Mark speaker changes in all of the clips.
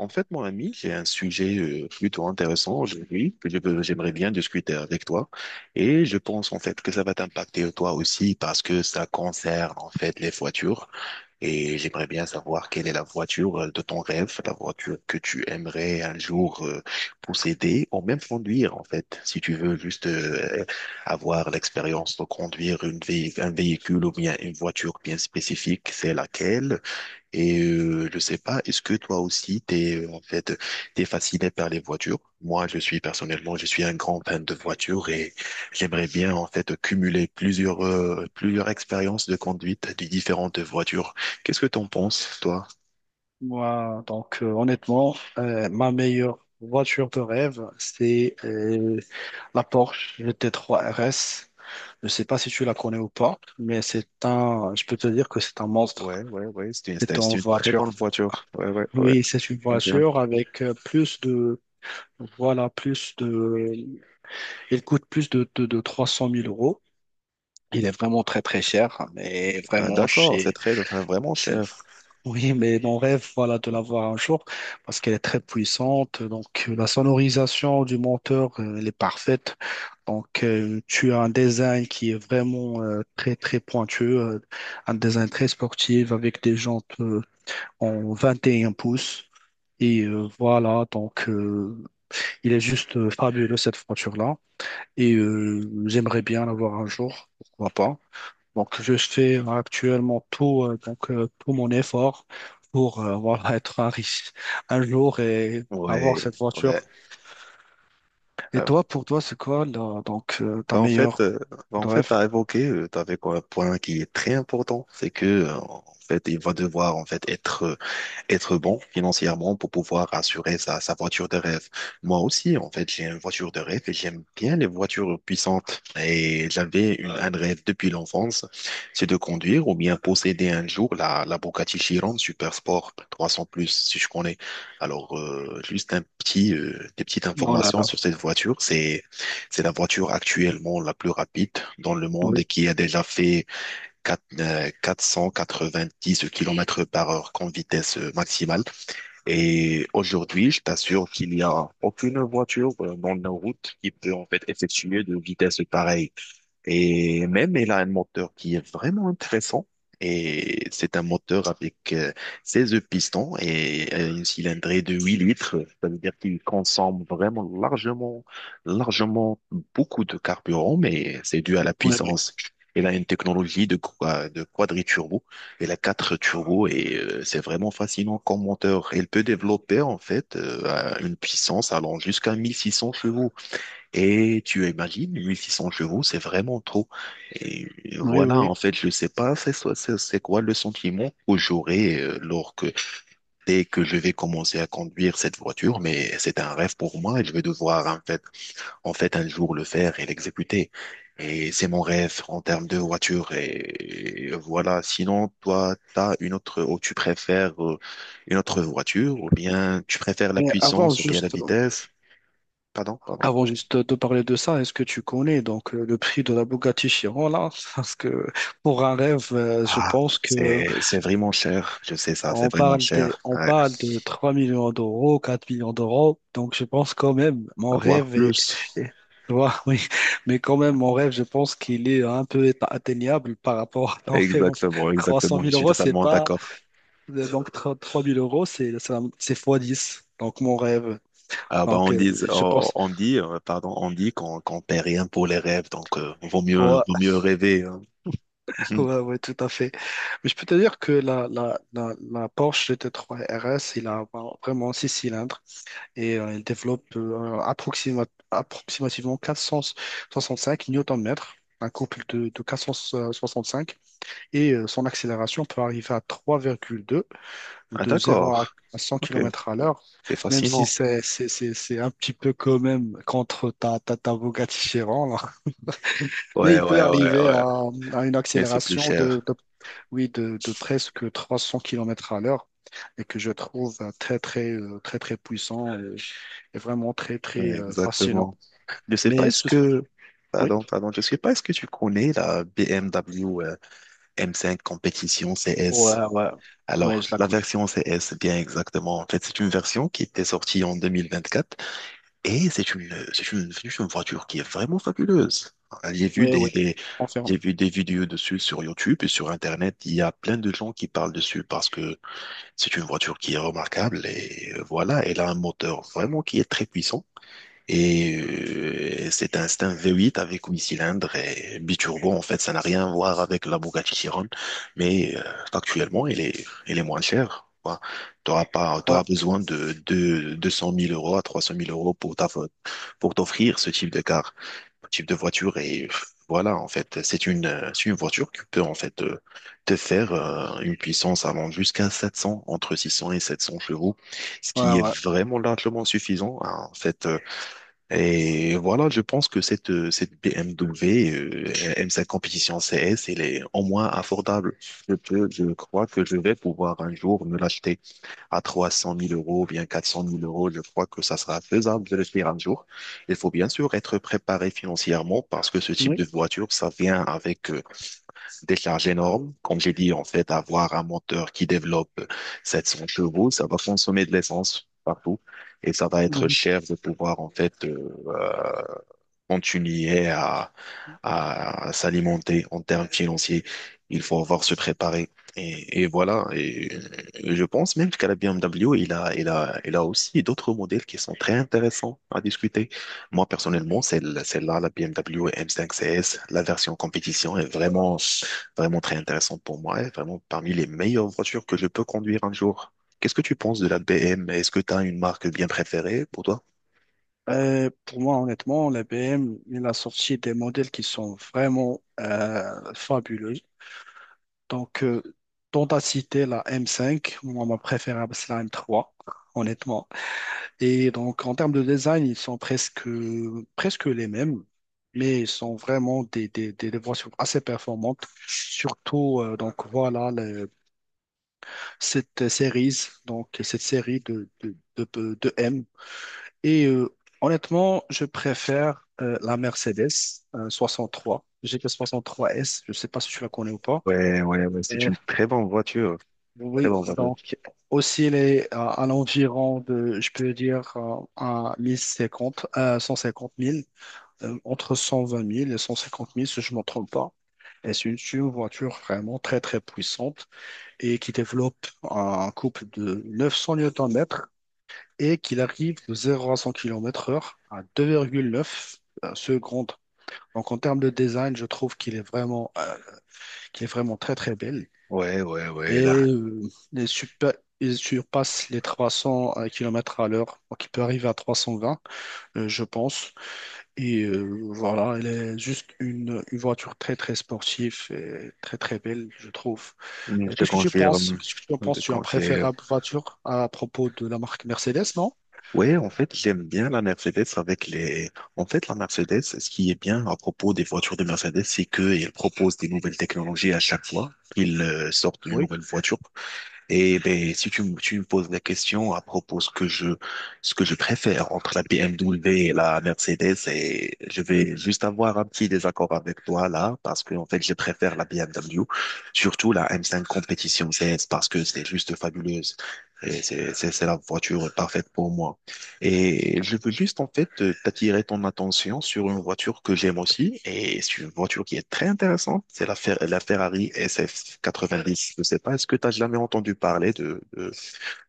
Speaker 1: En fait, mon ami, j'ai un sujet plutôt intéressant aujourd'hui que j'aimerais bien discuter avec toi. Et je pense en fait que ça va t'impacter toi aussi parce que ça concerne en fait les voitures. Et j'aimerais bien savoir quelle est la voiture de ton rêve, la voiture que tu aimerais un jour posséder ou même conduire en fait. Si tu veux juste avoir l'expérience de conduire un véhicule ou bien une voiture bien spécifique, c'est laquelle? Et je sais pas, est-ce que toi aussi t'es en fait t'es fasciné par les voitures? Moi, je suis personnellement, je suis un grand fan de voitures et j'aimerais bien en fait cumuler plusieurs plusieurs expériences de conduite de différentes voitures. Qu'est-ce que t'en penses, toi?
Speaker 2: Moi, donc, honnêtement, ma meilleure voiture de rêve, c'est la Porsche GT3 RS. Je sais pas si tu la connais ou pas, mais je peux te dire que c'est un monstre.
Speaker 1: Ouais, ouais, ouais, c'est
Speaker 2: C'est
Speaker 1: c'est
Speaker 2: une
Speaker 1: une très
Speaker 2: voiture.
Speaker 1: bonne voiture. Ouais, ouais, ouais.
Speaker 2: Oui, c'est une
Speaker 1: Ok.
Speaker 2: voiture avec plus de, voilà, plus de, elle coûte plus de 300 000 euros. Il est vraiment très très cher, mais
Speaker 1: Ah,
Speaker 2: vraiment
Speaker 1: d'accord, c'est
Speaker 2: chez,
Speaker 1: très, enfin, vraiment
Speaker 2: c'est.
Speaker 1: cher.
Speaker 2: Oui, mais mon rêve, voilà, de l'avoir un jour, parce qu'elle est très puissante. Donc, la sonorisation du monteur, elle est parfaite. Donc, tu as un design qui est vraiment très, très pointueux, un design très sportif avec des jantes en 21 pouces. Et voilà, donc, il est juste fabuleux, cette voiture-là. Et j'aimerais bien l'avoir un jour, pourquoi pas. Donc, je fais actuellement tout, donc, tout mon effort pour voilà, être un riche un jour et avoir
Speaker 1: Ouais,
Speaker 2: cette
Speaker 1: ouais.
Speaker 2: voiture. Et toi, pour toi, c'est quoi là, donc, ta
Speaker 1: Bah en fait,
Speaker 2: meilleure
Speaker 1: euh, bah en fait,
Speaker 2: rêve.
Speaker 1: t'as évoqué, t'avais quoi, un point qui est très important, c'est que en fait, il va devoir en fait être être bon financièrement pour pouvoir assurer sa voiture de rêve. Moi aussi, en fait, j'ai une voiture de rêve et j'aime bien les voitures puissantes. Et j'avais un rêve depuis l'enfance, c'est de conduire ou bien posséder un jour la Bugatti Chiron Super Sport 300 plus, si je connais. Alors, juste un petit, des petites
Speaker 2: Oh là
Speaker 1: informations
Speaker 2: là,
Speaker 1: sur cette voiture. C'est la voiture actuellement la plus rapide dans le monde et
Speaker 2: oui,
Speaker 1: qui a déjà fait 4 dix kilomètres par heure comme vitesse maximale. Et aujourd'hui, je t'assure qu'il n'y a aucune voiture dans nos routes qui peut en fait effectuer de vitesse pareille. Et même, elle a un moteur qui est vraiment intéressant. Et c'est un moteur avec 16 pistons et une cylindrée de 8 litres. Ça veut dire qu'il consomme vraiment largement, largement beaucoup de carburant, mais c'est dû à la
Speaker 2: oui, oui,
Speaker 1: puissance. Elle a une technologie de quadriturbo. Elle a 4 turbos et c'est vraiment fascinant comme moteur. Elle peut développer, en fait, à une puissance allant jusqu'à 1600 chevaux. Et tu imagines, 1600 chevaux, c'est vraiment trop. Et
Speaker 2: oui, oui.
Speaker 1: voilà,
Speaker 2: Oui.
Speaker 1: en fait, je sais pas, c'est quoi le sentiment que j'aurai lors que, dès que je vais commencer à conduire cette voiture, mais c'est un rêve pour moi et je vais devoir, en fait, un jour le faire et l'exécuter. Et c'est mon rêve en termes de voiture. Et voilà, sinon, toi, t'as une autre, ou tu préfères une autre voiture, ou bien tu préfères la
Speaker 2: Mais
Speaker 1: puissance, ou bien la vitesse. Pardon, pardon.
Speaker 2: avant juste de parler de ça, est-ce que tu connais donc le prix de la Bugatti Chiron là? Parce que pour un rêve, je
Speaker 1: Ah,
Speaker 2: pense que.
Speaker 1: c'est vraiment cher. Je sais ça, c'est
Speaker 2: On
Speaker 1: vraiment
Speaker 2: parle
Speaker 1: cher.
Speaker 2: on
Speaker 1: Ouais.
Speaker 2: parle de 3 millions d'euros, 4 millions d'euros. Donc, je pense quand même, mon
Speaker 1: Avoir
Speaker 2: rêve est,
Speaker 1: plus.
Speaker 2: est- tu vois, oui. Mais quand même, mon rêve, je pense qu'il est un peu atteignable par rapport à ton rêve.
Speaker 1: Exactement,
Speaker 2: 300
Speaker 1: exactement. Je
Speaker 2: 000
Speaker 1: suis
Speaker 2: euros, c'est
Speaker 1: totalement
Speaker 2: pas,
Speaker 1: d'accord.
Speaker 2: donc trois mille euros, c'est, c'est fois 10. Donc, mon rêve.
Speaker 1: Ah, bah,
Speaker 2: Donc,
Speaker 1: on dit,
Speaker 2: je pense,
Speaker 1: on dit, pardon, on dit qu'on paie rien pour les rêves, donc
Speaker 2: ouais,
Speaker 1: vaut mieux rêver. Hein. Mhm.
Speaker 2: ouais, ouais, tout à fait. Mais je peux te dire que la Porsche GT3 RS, il a vraiment 6 cylindres. Et elle développe approximativement 465 Nm, un couple de 465, et son accélération peut arriver à 3,2,
Speaker 1: Ah,
Speaker 2: de 0
Speaker 1: d'accord.
Speaker 2: à 100
Speaker 1: Ok,
Speaker 2: km à l'heure,
Speaker 1: c'est
Speaker 2: même si
Speaker 1: fascinant.
Speaker 2: c'est un petit peu quand même contre ta Bugatti Chiron, là. Mais
Speaker 1: Ouais,
Speaker 2: il peut
Speaker 1: ouais, ouais,
Speaker 2: arriver à,
Speaker 1: ouais.
Speaker 2: une
Speaker 1: Mais c'est plus
Speaker 2: accélération de,
Speaker 1: cher.
Speaker 2: oui, de presque 300 km à l'heure et que je trouve très, très, très, très puissant et vraiment très, très
Speaker 1: Ouais,
Speaker 2: fascinant.
Speaker 1: exactement. Je sais pas,
Speaker 2: Mais
Speaker 1: est-ce
Speaker 2: ce,
Speaker 1: que,
Speaker 2: oui,
Speaker 1: pardon, pardon, je sais pas, est-ce que tu connais la BMW M5 Competition CS?
Speaker 2: ouais, ouais, ouais,
Speaker 1: Alors,
Speaker 2: je la
Speaker 1: la
Speaker 2: coule.
Speaker 1: version CS, bien exactement. En fait, c'est une version qui était sortie en 2024 et c'est c'est une voiture qui est vraiment fabuleuse. J'ai vu
Speaker 2: Oui,
Speaker 1: des,
Speaker 2: oui,
Speaker 1: des-
Speaker 2: on.
Speaker 1: j'ai vu des vidéos dessus sur YouTube et sur Internet. Il y a plein de gens qui parlent dessus parce que c'est une voiture qui est remarquable et voilà, elle a un moteur vraiment qui est très puissant. Et c'est un V8 avec 8 cylindres et biturbo. En fait, ça n'a rien à voir avec la Bugatti Chiron, mais actuellement, elle est moins chère. Tu auras pas,
Speaker 2: Ouais,
Speaker 1: t'auras besoin de 200 000 euros à 300 000 euros pour ta, pour t'offrir ce type de car, ce type de voiture. Et voilà, en fait, c'est une voiture qui peut en fait te faire une puissance allant jusqu'à 700, entre 600 et 700 chevaux, ce
Speaker 2: ouais,
Speaker 1: qui est
Speaker 2: ouais.
Speaker 1: vraiment largement suffisant. Hein. En fait, et voilà, je pense que cette, cette BMW M5 Competition CS, elle est au moins abordable. Je peux, je crois que je vais pouvoir un jour me l'acheter à 300 000 euros, bien 400 000 euros. Je crois que ça sera faisable de le faire un jour. Il faut bien sûr être préparé financièrement parce que ce type
Speaker 2: Oui.
Speaker 1: de voiture, ça vient avec des charges énormes. Comme j'ai dit, en fait, avoir un moteur qui développe 700 chevaux, ça va consommer de l'essence partout et ça va être
Speaker 2: Mhm.
Speaker 1: cher de pouvoir, en fait, continuer à s'alimenter en termes financiers. Il faut avoir se préparer. Et voilà. Et je pense même qu'à la BMW, il a aussi d'autres modèles qui sont très intéressants à discuter. Moi, personnellement, celle-là, la BMW M5 CS, la version compétition est vraiment, vraiment très intéressante pour moi. Et vraiment parmi les meilleures voitures que je peux conduire un jour. Qu'est-ce que tu penses de la BM? Est-ce que tu as une marque bien préférée pour toi?
Speaker 2: Pour moi, honnêtement, la BM, il a sorti des modèles qui sont vraiment fabuleux. Donc, dont à citer la M5, moi, ma préférable, c'est la M3, honnêtement. Et donc, en termes de design, ils sont presque les mêmes, mais ils sont vraiment des versions assez performantes. Surtout, donc voilà, cette série, donc cette série de M. Et honnêtement, je préfère la Mercedes 63, soixante-trois S. Je ne sais pas si tu la connais ou pas.
Speaker 1: Ouais, ouais, ouais,
Speaker 2: Et
Speaker 1: c'est une très bonne voiture. Très
Speaker 2: oui,
Speaker 1: bonne voiture.
Speaker 2: donc aussi les, à l'environ de, je peux dire, à 1050, 150 000. Euh, entre 120 000 et 150 000, si je ne me trompe pas. Et c'est une voiture vraiment très, très puissante et qui développe un couple de 900 newtons-mètres et qu'il arrive de 0 à 100 km/h à 2,9 secondes. Donc, en termes de design, je trouve qu'il est vraiment très, très belle.
Speaker 1: Ouais, ouais, ouais,
Speaker 2: Et
Speaker 1: là.
Speaker 2: il il surpasse les 300 km à l'heure. Donc, il peut arriver à 320, je pense. Et voilà, elle est juste une voiture très très sportive et très très belle, je trouve.
Speaker 1: Je te
Speaker 2: Qu'est-ce que tu penses?
Speaker 1: confirme.
Speaker 2: Qu'est-ce que tu en penses?
Speaker 1: Je
Speaker 2: Tu as une
Speaker 1: confirme.
Speaker 2: préférable voiture à propos de la marque Mercedes, non?
Speaker 1: Ouais, en fait, j'aime bien la Mercedes avec les. En fait, la Mercedes, ce qui est bien à propos des voitures de Mercedes, c'est qu'ils proposent des nouvelles technologies à chaque fois. Ils sortent une
Speaker 2: Oui.
Speaker 1: nouvelle voiture. Et ben, si tu, me- tu me poses la question à propos de ce que je préfère entre la BMW et la Mercedes, et je vais juste avoir un petit désaccord avec toi là, parce que en fait, je préfère la BMW, surtout la M5 Competition C S parce que c'est juste fabuleuse. Et c'est la voiture parfaite pour moi. Et je veux juste en fait t'attirer ton attention sur une voiture que j'aime aussi et c'est une voiture qui est très intéressante, c'est la Ferrari SF90. Je sais pas, est-ce que tu as jamais entendu parler de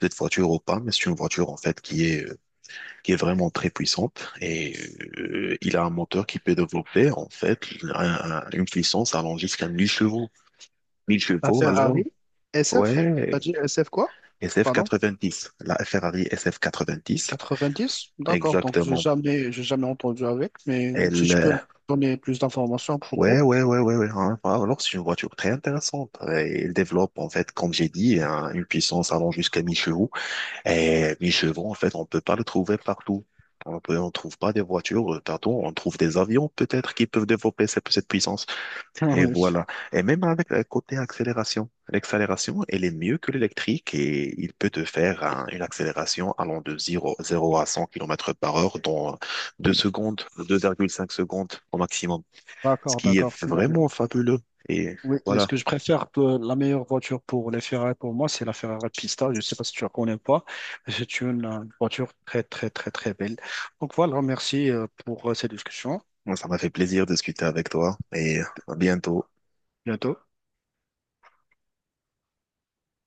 Speaker 1: cette voiture ou pas, mais c'est une voiture en fait qui est vraiment très puissante et il a un moteur qui peut développer en fait une puissance allant jusqu'à 1000 chevaux. 1000
Speaker 2: La
Speaker 1: chevaux alors
Speaker 2: Ferrari SF?
Speaker 1: ouais,
Speaker 2: T'as dit SF quoi? Pardon?
Speaker 1: SF90, la Ferrari SF90
Speaker 2: 90? D'accord, donc
Speaker 1: exactement.
Speaker 2: j'ai jamais entendu avec, mais si tu peux
Speaker 1: Elle,
Speaker 2: me donner plus d'informations à
Speaker 1: Ouais,
Speaker 2: propos.
Speaker 1: ouais, ouais, ouais, ouais. Hein. Ah, alors, c'est une voiture très intéressante. Elle développe, en fait, comme j'ai dit, une puissance allant jusqu'à 1000 chevaux. Et 1000 chevaux, en fait, on peut pas le trouver partout. On peut, on trouve pas des voitures partout. On trouve des avions, peut-être, qui peuvent développer cette, cette puissance.
Speaker 2: Ah
Speaker 1: Et
Speaker 2: oui.
Speaker 1: voilà. Et même avec le côté accélération. L'accélération, elle est mieux que l'électrique et il peut te faire une accélération allant de 0, 0 à 100 km par heure dans 2 secondes, 2,5 secondes au maximum ce
Speaker 2: D'accord,
Speaker 1: qui est
Speaker 2: d'accord.
Speaker 1: vraiment fabuleux. Et
Speaker 2: Oui, et ce
Speaker 1: voilà,
Speaker 2: que je préfère, la meilleure voiture pour les Ferrari pour moi, c'est la Ferrari Pista. Je ne sais pas si tu la connais ou pas, mais c'est une voiture très, très, très, très belle. Donc voilà, merci pour cette discussion.
Speaker 1: moi, ça m'a fait plaisir de discuter avec toi et à bientôt.
Speaker 2: Bientôt.